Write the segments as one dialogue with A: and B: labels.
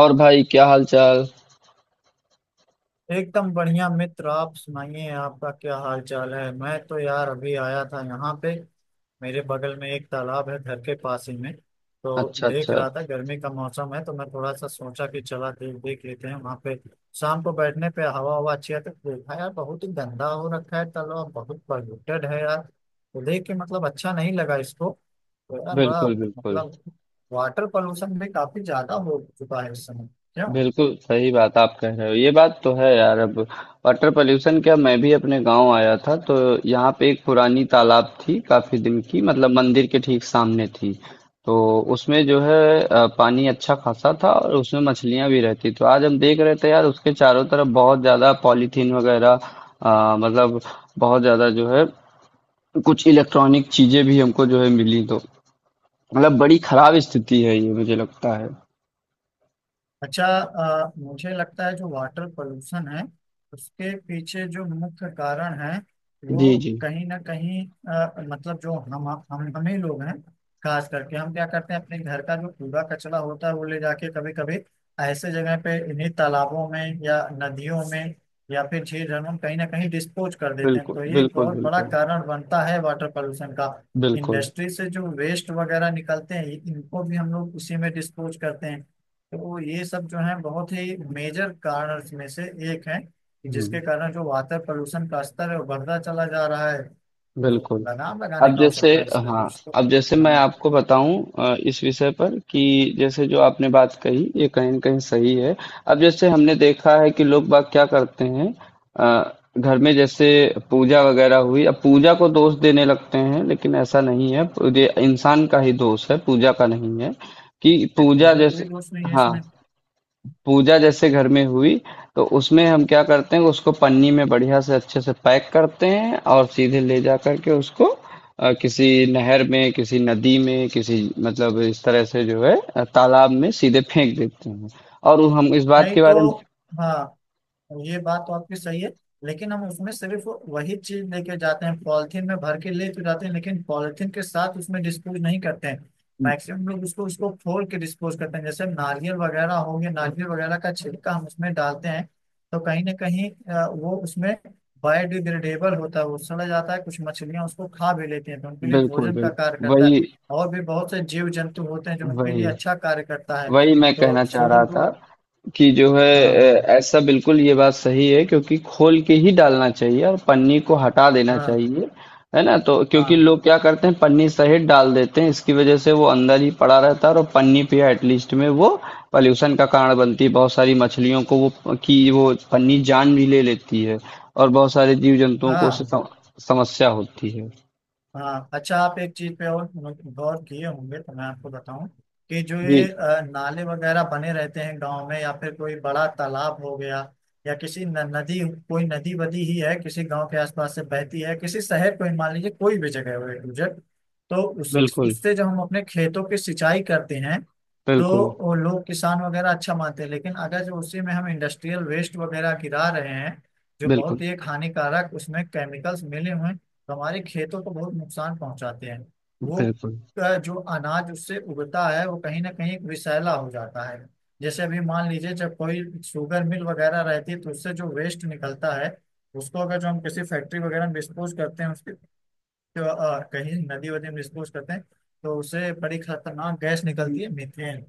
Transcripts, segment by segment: A: और भाई क्या हाल चाल।
B: एकदम बढ़िया मित्र। आप सुनाइए, आपका क्या हाल चाल है? मैं तो यार अभी आया था यहाँ पे। मेरे बगल में एक तालाब है घर के पास ही में, तो
A: अच्छा
B: देख
A: अच्छा।
B: रहा था। गर्मी का मौसम है तो मैं थोड़ा सा सोचा कि चला देख देख लेते हैं वहाँ पे। शाम को बैठने पे हवा हवा अच्छी आती है। तो देखा यार, बहुत ही गंदा हो रखा है तालाब, बहुत पॉल्यूटेड है यार। तो देख के मतलब अच्छा नहीं लगा इसको। तो यार बड़ा
A: बिल्कुल बिल्कुल।
B: मतलब वाटर पॉल्यूशन भी काफी ज्यादा हो चुका है इस समय। क्यों?
A: बिल्कुल सही बात आप कह रहे हो, ये बात तो है यार। अब वाटर पोल्यूशन क्या, मैं भी अपने गांव आया था तो यहाँ पे एक पुरानी तालाब थी, काफी दिन की, मतलब मंदिर के ठीक सामने थी। तो उसमें जो है पानी अच्छा खासा था और उसमें मछलियां भी रहती। तो आज हम देख रहे थे यार उसके चारों तरफ बहुत ज्यादा पॉलीथीन वगैरह, मतलब बहुत ज्यादा जो है कुछ इलेक्ट्रॉनिक चीजें भी हमको जो है मिली। तो मतलब बड़ी खराब स्थिति है, ये मुझे लगता है।
B: अच्छा, मुझे लगता है जो वाटर पोल्यूशन है, उसके पीछे जो मुख्य कारण है वो
A: जी जी।
B: कहीं ना कहीं मतलब जो हम ही लोग हैं। खास करके हम क्या करते हैं, अपने घर का जो कूड़ा कचरा होता है वो ले जाके कभी कभी ऐसे जगह पे इन्हीं तालाबों में या नदियों में या फिर झील झरनों में कहीं ना कहीं डिस्पोज कर देते हैं।
A: बिल्कुल
B: तो ये एक
A: बिल्कुल।
B: बहुत बड़ा
A: बिल्कुल
B: कारण बनता है वाटर पोल्यूशन का।
A: बिल्कुल।
B: इंडस्ट्री से जो वेस्ट वगैरह निकलते हैं इनको भी हम लोग उसी में डिस्पोज करते हैं। तो ये सब जो है बहुत ही मेजर कारणस में से एक है, कि
A: हम्म।
B: जिसके कारण जो वाटर पोल्यूशन का स्तर है वो बढ़ता चला जा रहा है। तो
A: बिल्कुल।
B: लगाम लगाने
A: अब
B: का हो
A: जैसे,
B: सकता है इस पे
A: हाँ,
B: कुछ तो।
A: अब जैसे मैं
B: हाँ,
A: आपको बताऊं इस विषय पर, कि जैसे जो आपने बात कही ये कहीं न कहीं सही है। अब जैसे हमने देखा है कि लोग बाग क्या करते हैं, घर में जैसे पूजा वगैरह हुई, अब पूजा को दोष देने लगते हैं, लेकिन ऐसा नहीं है। ये इंसान का ही दोष है, पूजा का नहीं है। कि
B: नहीं,
A: पूजा
B: पूरा
A: जैसे,
B: कोई दोष नहीं है
A: हाँ,
B: इसमें।
A: पूजा जैसे घर में हुई तो उसमें हम क्या करते हैं, उसको पन्नी में बढ़िया से अच्छे से पैक करते हैं और सीधे ले जा करके उसको किसी नहर में, किसी नदी में, किसी मतलब इस तरह से जो है तालाब में सीधे फेंक देते हैं। और हम इस बात
B: नहीं
A: के
B: तो।
A: बारे में,
B: हाँ, ये बात तो आपकी सही है, लेकिन हम उसमें सिर्फ वही चीज लेके जाते हैं। पॉलिथीन में भर के ले तो जाते हैं लेकिन पॉलिथीन के साथ उसमें डिस्पोज नहीं करते हैं। मैक्सिमम लोग उसको उसको फोड़ के डिस्पोज करते हैं। जैसे नारियल वगैरह हो गया, नारियल वगैरह का छिलका हम उसमें डालते हैं। तो कहीं ना कहीं वो उसमें बायोडिग्रेडेबल होता है, वो सड़ा जाता है। कुछ मछलियां उसको खा भी लेती हैं तो उनके लिए
A: बिल्कुल
B: भोजन का कार्य
A: बिल्कुल।
B: करता
A: वही
B: है। और भी बहुत से जीव जंतु होते हैं जो उनके लिए
A: वही।
B: अच्छा कार्य करता है।
A: वही मैं
B: तो
A: कहना चाह रहा
B: फूल।
A: था कि जो
B: हाँ हाँ
A: है, ऐसा बिल्कुल ये बात सही है, क्योंकि खोल के ही डालना चाहिए और पन्नी को हटा देना
B: हाँ
A: चाहिए। है ना? तो क्योंकि लोग क्या करते हैं पन्नी सहित डाल देते हैं, इसकी वजह से वो अंदर ही पड़ा रहता है और पन्नी पे एटलीस्ट में वो पॉल्यूशन का कारण बनती है। बहुत सारी मछलियों को वो, की वो पन्नी जान भी ले लेती है। और बहुत सारे जीव
B: हाँ
A: जंतुओं को उससे
B: हाँ
A: समस्या होती है।
B: हाँ अच्छा, आप एक चीज पे और गौर किए होंगे तो मैं आपको बताऊं, कि जो
A: जी।
B: ये नाले वगैरह बने रहते हैं गांव में, या फिर कोई बड़ा तालाब हो गया, या किसी न, नदी, कोई नदी वदी ही है किसी गांव के आसपास से बहती है, किसी शहर को ही मान लीजिए, कोई भी जगह हो एक गुजर। तो उस
A: बिल्कुल
B: उससे जब हम अपने खेतों की सिंचाई करते हैं तो
A: बिल्कुल।
B: वो लोग किसान वगैरह अच्छा मानते हैं, लेकिन अगर जो उसी में हम इंडस्ट्रियल वेस्ट वगैरह गिरा रहे हैं, जो बहुत
A: बिल्कुल
B: ही एक हानिकारक उसमें केमिकल्स मिले हुए हैं, तो हमारे खेतों को बहुत नुकसान पहुंचाते हैं वो।
A: बिल्कुल।
B: जो अनाज उससे उगता है वो कहीं ना कहीं विषैला हो जाता है। जैसे अभी मान लीजिए जब कोई शुगर मिल वगैरह रहती है तो उससे जो वेस्ट निकलता है, उसको अगर जो हम किसी फैक्ट्री वगैरह में डिस्पोज करते हैं उसके कहीं नदी वदी में डिस्पोज करते हैं, तो उससे बड़ी खतरनाक गैस निकलती है, मीथेन।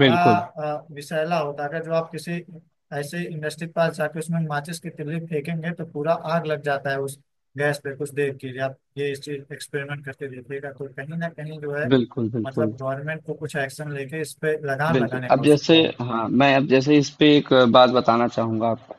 B: बड़ा विषैला होता है। अगर जो आप किसी ऐसे इंडस्ट्री के पास जाके उसमें माचिस की तिल्ली फेंकेंगे तो पूरा आग लग जाता है उस गैस पे कुछ देर के लिए। आप ये इस चीज एक्सपेरिमेंट करके देखिएगा। तो कहीं ना कहीं जो है
A: बिल्कुल। बिल्कुल
B: मतलब गवर्नमेंट को कुछ एक्शन लेके इस पे लगाम
A: बिल्कुल।
B: लगाने की
A: अब जैसे,
B: आवश्यकता है।
A: हाँ, मैं अब जैसे इस पे एक बात बताना चाहूंगा आपको,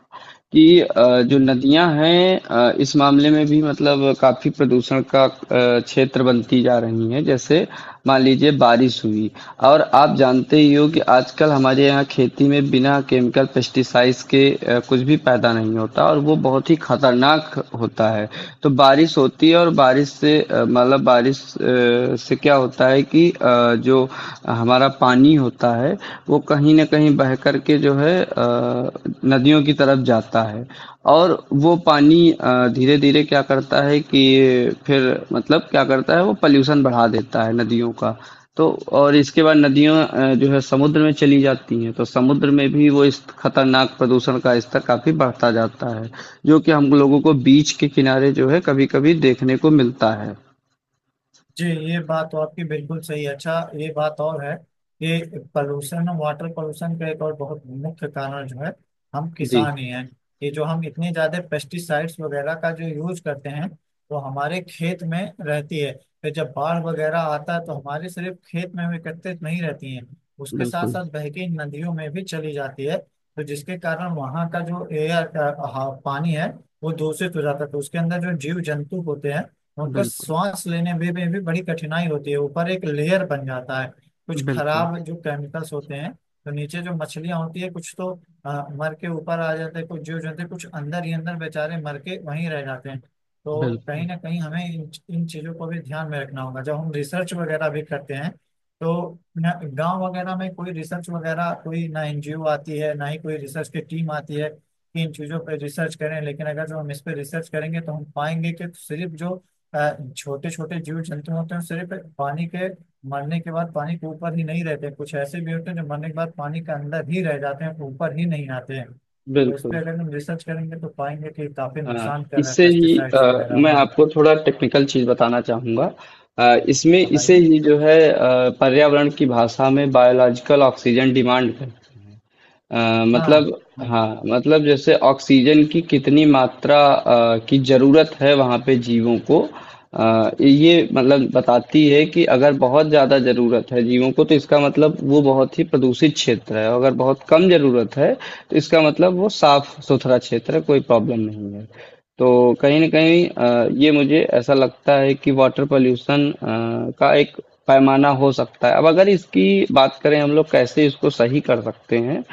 A: कि जो
B: हम्म।
A: नदियां हैं इस मामले में भी मतलब काफी प्रदूषण का क्षेत्र बनती जा रही हैं। जैसे मान लीजिए बारिश हुई, और आप जानते ही हो कि आजकल हमारे यहाँ खेती में बिना केमिकल पेस्टिसाइड्स के कुछ भी पैदा नहीं होता और वो बहुत ही खतरनाक होता है। तो बारिश होती है और बारिश से, मतलब बारिश से क्या होता है कि जो हमारा पानी होता है वो कहीं न कहीं बह कर के जो है नदियों की तरफ जाता है, और वो पानी धीरे-धीरे क्या करता है कि फिर मतलब क्या करता है, वो पॉल्यूशन बढ़ा देता है नदियों का। तो और इसके बाद नदियाँ जो है समुद्र में चली जाती हैं, तो समुद्र में भी वो इस खतरनाक प्रदूषण का स्तर काफ़ी बढ़ता जाता है, जो कि हम लोगों को बीच के किनारे जो है कभी-कभी देखने को मिलता है।
B: जी, ये बात तो आपकी बिल्कुल सही है। अच्छा, ये बात और है कि पॉल्यूशन और वाटर पॉल्यूशन का एक और बहुत मुख्य कारण जो है, हम
A: जी,
B: किसान ही हैं, कि जो हम इतने ज्यादा पेस्टिसाइड्स वगैरह का जो यूज करते हैं वो हमारे खेत में रहती है। फिर जब बाढ़ वगैरह आता है तो हमारे सिर्फ खेत में हम एकत्रित नहीं रहती है, उसके साथ
A: बिल्कुल,
B: साथ बह के नदियों में भी चली जाती है। तो जिसके कारण वहाँ का जो एयर पानी है वो दूषित हो जाता है। तो उसके अंदर जो जीव जंतु होते हैं उनको
A: बिल्कुल,
B: श्वास लेने में भी बड़ी कठिनाई होती है। ऊपर एक लेयर बन जाता है कुछ
A: बिल्कुल,
B: खराब जो केमिकल्स होते हैं। तो नीचे जो मछलियां होती है कुछ तो मर के ऊपर आ जाते हैं, कुछ जीव जंतु कुछ अंदर ही अंदर बेचारे मर के वहीं रह जाते हैं। तो कहीं
A: बिल्कुल,
B: ना कहीं हमें इन चीजों को भी ध्यान में रखना होगा जब हम रिसर्च वगैरह भी करते हैं। तो न गांव वगैरह में कोई रिसर्च वगैरह कोई ना एनजीओ आती है ना ही कोई रिसर्च की टीम आती है कि इन चीजों पर रिसर्च करें। लेकिन अगर जो हम इस पर रिसर्च करेंगे तो हम पाएंगे कि सिर्फ जो छोटे छोटे जीव जंतु होते हैं सिर्फ पानी के मरने के बाद पानी के ऊपर ही नहीं रहते, कुछ ऐसे भी होते हैं जो मरने के बाद पानी के अंदर ही रह जाते हैं, ऊपर ही नहीं आते हैं। तो इस पे
A: बिल्कुल।
B: अगर हम रिसर्च करेंगे तो पाएंगे कि काफी
A: अ,
B: नुकसान कर रहा है
A: इससे ही,
B: पेस्टिसाइड्स वगैरह।
A: मैं
B: हाँ,
A: आपको थोड़ा टेक्निकल चीज बताना चाहूंगा। इसमें इसे
B: बताइए।
A: ही जो है पर्यावरण की भाषा में बायोलॉजिकल ऑक्सीजन डिमांड है।
B: हाँ।
A: मतलब,
B: हाँ,
A: हाँ, मतलब जैसे ऑक्सीजन की कितनी मात्रा की जरूरत है वहाँ पे जीवों को, ये मतलब बताती है कि अगर बहुत ज्यादा जरूरत है जीवों को तो इसका मतलब वो बहुत ही प्रदूषित क्षेत्र है, अगर बहुत कम जरूरत है तो इसका मतलब वो साफ सुथरा क्षेत्र है, कोई प्रॉब्लम नहीं है। तो कहीं न कहीं ये मुझे ऐसा लगता है कि वाटर पॉल्यूशन का एक पैमाना हो सकता है। अब अगर इसकी बात करें हम लोग कैसे इसको सही कर सकते हैं,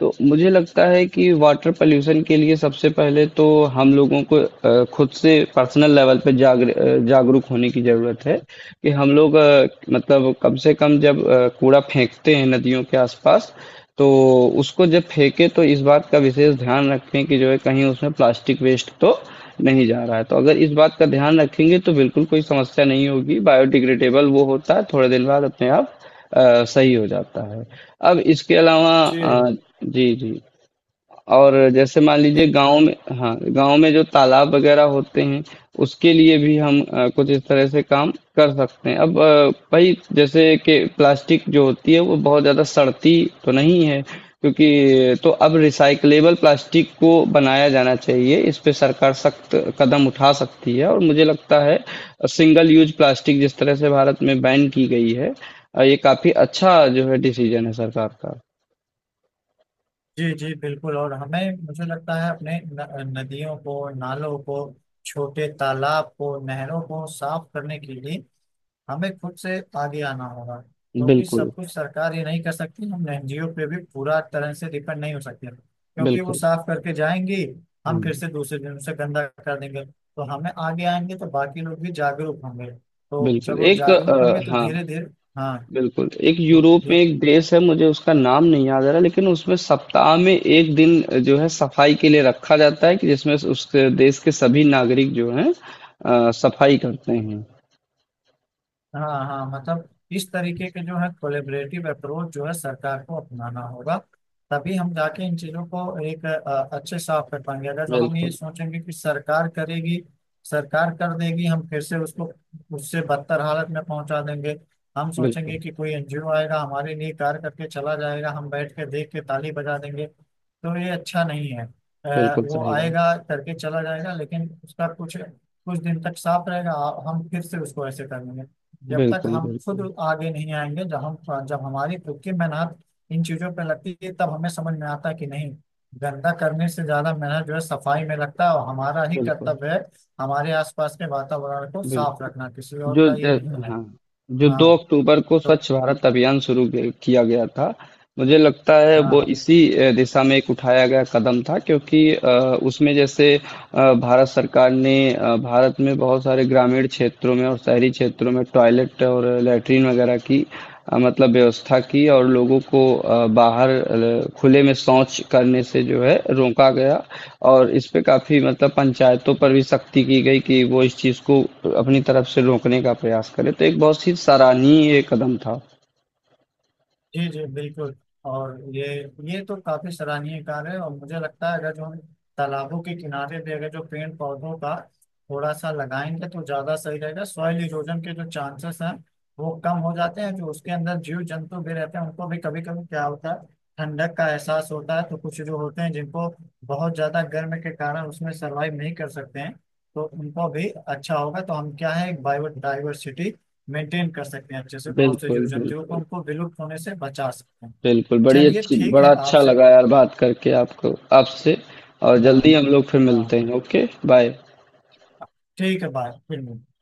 A: तो मुझे लगता है कि वाटर पॉल्यूशन के लिए सबसे पहले तो हम लोगों को खुद से पर्सनल लेवल पे जागरूक होने की ज़रूरत है, कि हम लोग, मतलब कम से कम जब कूड़ा फेंकते हैं नदियों के आसपास तो उसको जब फेंके तो इस बात का विशेष ध्यान रखें कि जो है कहीं उसमें प्लास्टिक वेस्ट तो नहीं जा रहा है। तो अगर इस बात का ध्यान रखेंगे तो बिल्कुल कोई समस्या नहीं होगी, बायोडिग्रेडेबल वो होता है थोड़े दिन बाद अपने आप सही हो जाता है। अब इसके अलावा,
B: जी।
A: जी जी, और जैसे मान
B: जी।
A: लीजिए गाँव में, हाँ, गाँव में जो तालाब वगैरह होते हैं उसके लिए भी हम कुछ इस तरह से काम कर सकते हैं। अब भाई जैसे कि प्लास्टिक जो होती है वो बहुत ज़्यादा सड़ती तो नहीं है, क्योंकि, तो अब रिसाइकलेबल प्लास्टिक को बनाया जाना चाहिए, इस पे सरकार सख्त कदम उठा सकती है। और मुझे लगता है सिंगल यूज प्लास्टिक जिस तरह से भारत में बैन की गई है, ये काफ़ी अच्छा जो है डिसीजन है सरकार का।
B: जी जी बिल्कुल। और हमें मुझे लगता है अपने न, नदियों को, नालों को, छोटे तालाब को, नहरों को साफ करने के लिए हमें खुद से आगे आना होगा। क्योंकि
A: बिल्कुल
B: सब कुछ सरकार ये नहीं कर सकती, हम एनजीओ पे भी पूरा तरह से डिपेंड नहीं हो सकते, क्योंकि वो
A: बिल्कुल।
B: साफ करके जाएंगी, हम फिर
A: हम्म।
B: से दूसरे दिन उसे गंदा कर देंगे। तो हमें आगे आएंगे तो बाकी लोग भी जागरूक होंगे। तो जब
A: बिल्कुल
B: वो
A: एक,
B: जागरूक होंगे तो
A: हाँ,
B: धीरे धीरे। हाँ
A: बिल्कुल एक
B: तो
A: यूरोप में
B: धीरे।
A: एक देश है, मुझे उसका नाम नहीं याद आ रहा, लेकिन उसमें सप्ताह में एक दिन जो है सफाई के लिए रखा जाता है, कि जिसमें उस देश के सभी नागरिक जो हैं सफाई करते हैं।
B: हाँ हाँ मतलब इस तरीके के जो है कोलेबरेटिव अप्रोच जो है सरकार को अपनाना होगा। तभी हम जाके इन चीजों को एक अच्छे साफ कर पाएंगे। अगर जो हम ये
A: बिल्कुल
B: सोचेंगे कि सरकार करेगी, सरकार कर देगी, हम फिर से उसको उससे बदतर हालत में पहुंचा देंगे। हम सोचेंगे
A: बिल्कुल।
B: कि कोई एनजीओ आएगा हमारे लिए कार्य करके चला जाएगा, हम बैठ के देख के ताली बजा देंगे तो ये अच्छा नहीं है।
A: बिल्कुल
B: वो
A: सही बात।
B: आएगा करके चला जाएगा, लेकिन उसका कुछ कुछ दिन तक साफ रहेगा, हम फिर से उसको ऐसे कर लेंगे। जब तक
A: बिल्कुल
B: हम खुद
A: बिल्कुल।
B: आगे नहीं आएंगे, जब हमारी खुद की मेहनत इन चीजों पे लगती है तब हमें समझ में आता है कि नहीं, गंदा करने से ज्यादा मेहनत जो है सफाई में लगता है, और हमारा ही
A: बिल्कुल
B: कर्तव्य है हमारे आसपास के वातावरण को साफ
A: बिल्कुल।
B: रखना, किसी और
A: जो
B: का ये
A: ज-
B: नहीं है।
A: हाँ, जो दो
B: हाँ
A: अक्टूबर को
B: तो।
A: स्वच्छ भारत अभियान किया गया था, मुझे लगता है वो
B: हाँ
A: इसी दिशा में एक उठाया गया कदम था। क्योंकि उसमें जैसे, भारत सरकार ने भारत में बहुत सारे ग्रामीण क्षेत्रों में और शहरी क्षेत्रों में टॉयलेट और लैट्रीन वगैरह की मतलब व्यवस्था की, और लोगों को बाहर खुले में शौच करने से जो है रोका गया। और इस पे काफी मतलब पंचायतों पर भी सख्ती की गई कि वो इस चीज को अपनी तरफ से रोकने का प्रयास करें, तो एक बहुत ही सराहनीय कदम था।
B: जी जी बिल्कुल। और ये तो काफी सराहनीय कार्य है। और मुझे लगता है अगर जो हम तालाबों के किनारे भी अगर जो पेड़ पौधों का थोड़ा सा लगाएंगे तो ज्यादा सही रहेगा। सॉइल इरोजन के जो चांसेस हैं वो कम हो जाते हैं। जो उसके अंदर जीव जंतु भी रहते हैं उनको भी कभी कभी क्या होता है, ठंडक का एहसास होता है। तो कुछ जो होते हैं जिनको बहुत ज्यादा गर्म के कारण उसमें सर्वाइव नहीं कर सकते हैं, तो उनको भी अच्छा होगा। तो हम क्या है, एक बायोडाइवर्सिटी मेंटेन कर सकते हैं अच्छे से, बहुत से जीव
A: बिल्कुल
B: जंतुओं को
A: बिल्कुल।
B: उनको विलुप्त होने से बचा सकते हैं।
A: बिल्कुल बड़ी
B: चलिए
A: अच्छी,
B: ठीक
A: बड़ा
B: है
A: अच्छा
B: आपसे।
A: लगा यार बात करके आपको, आपसे, और
B: हाँ।
A: जल्दी हम लोग फिर
B: हाँ
A: मिलते हैं। Okay, bye.
B: ठीक है, बाय, फिर मिलते हैं।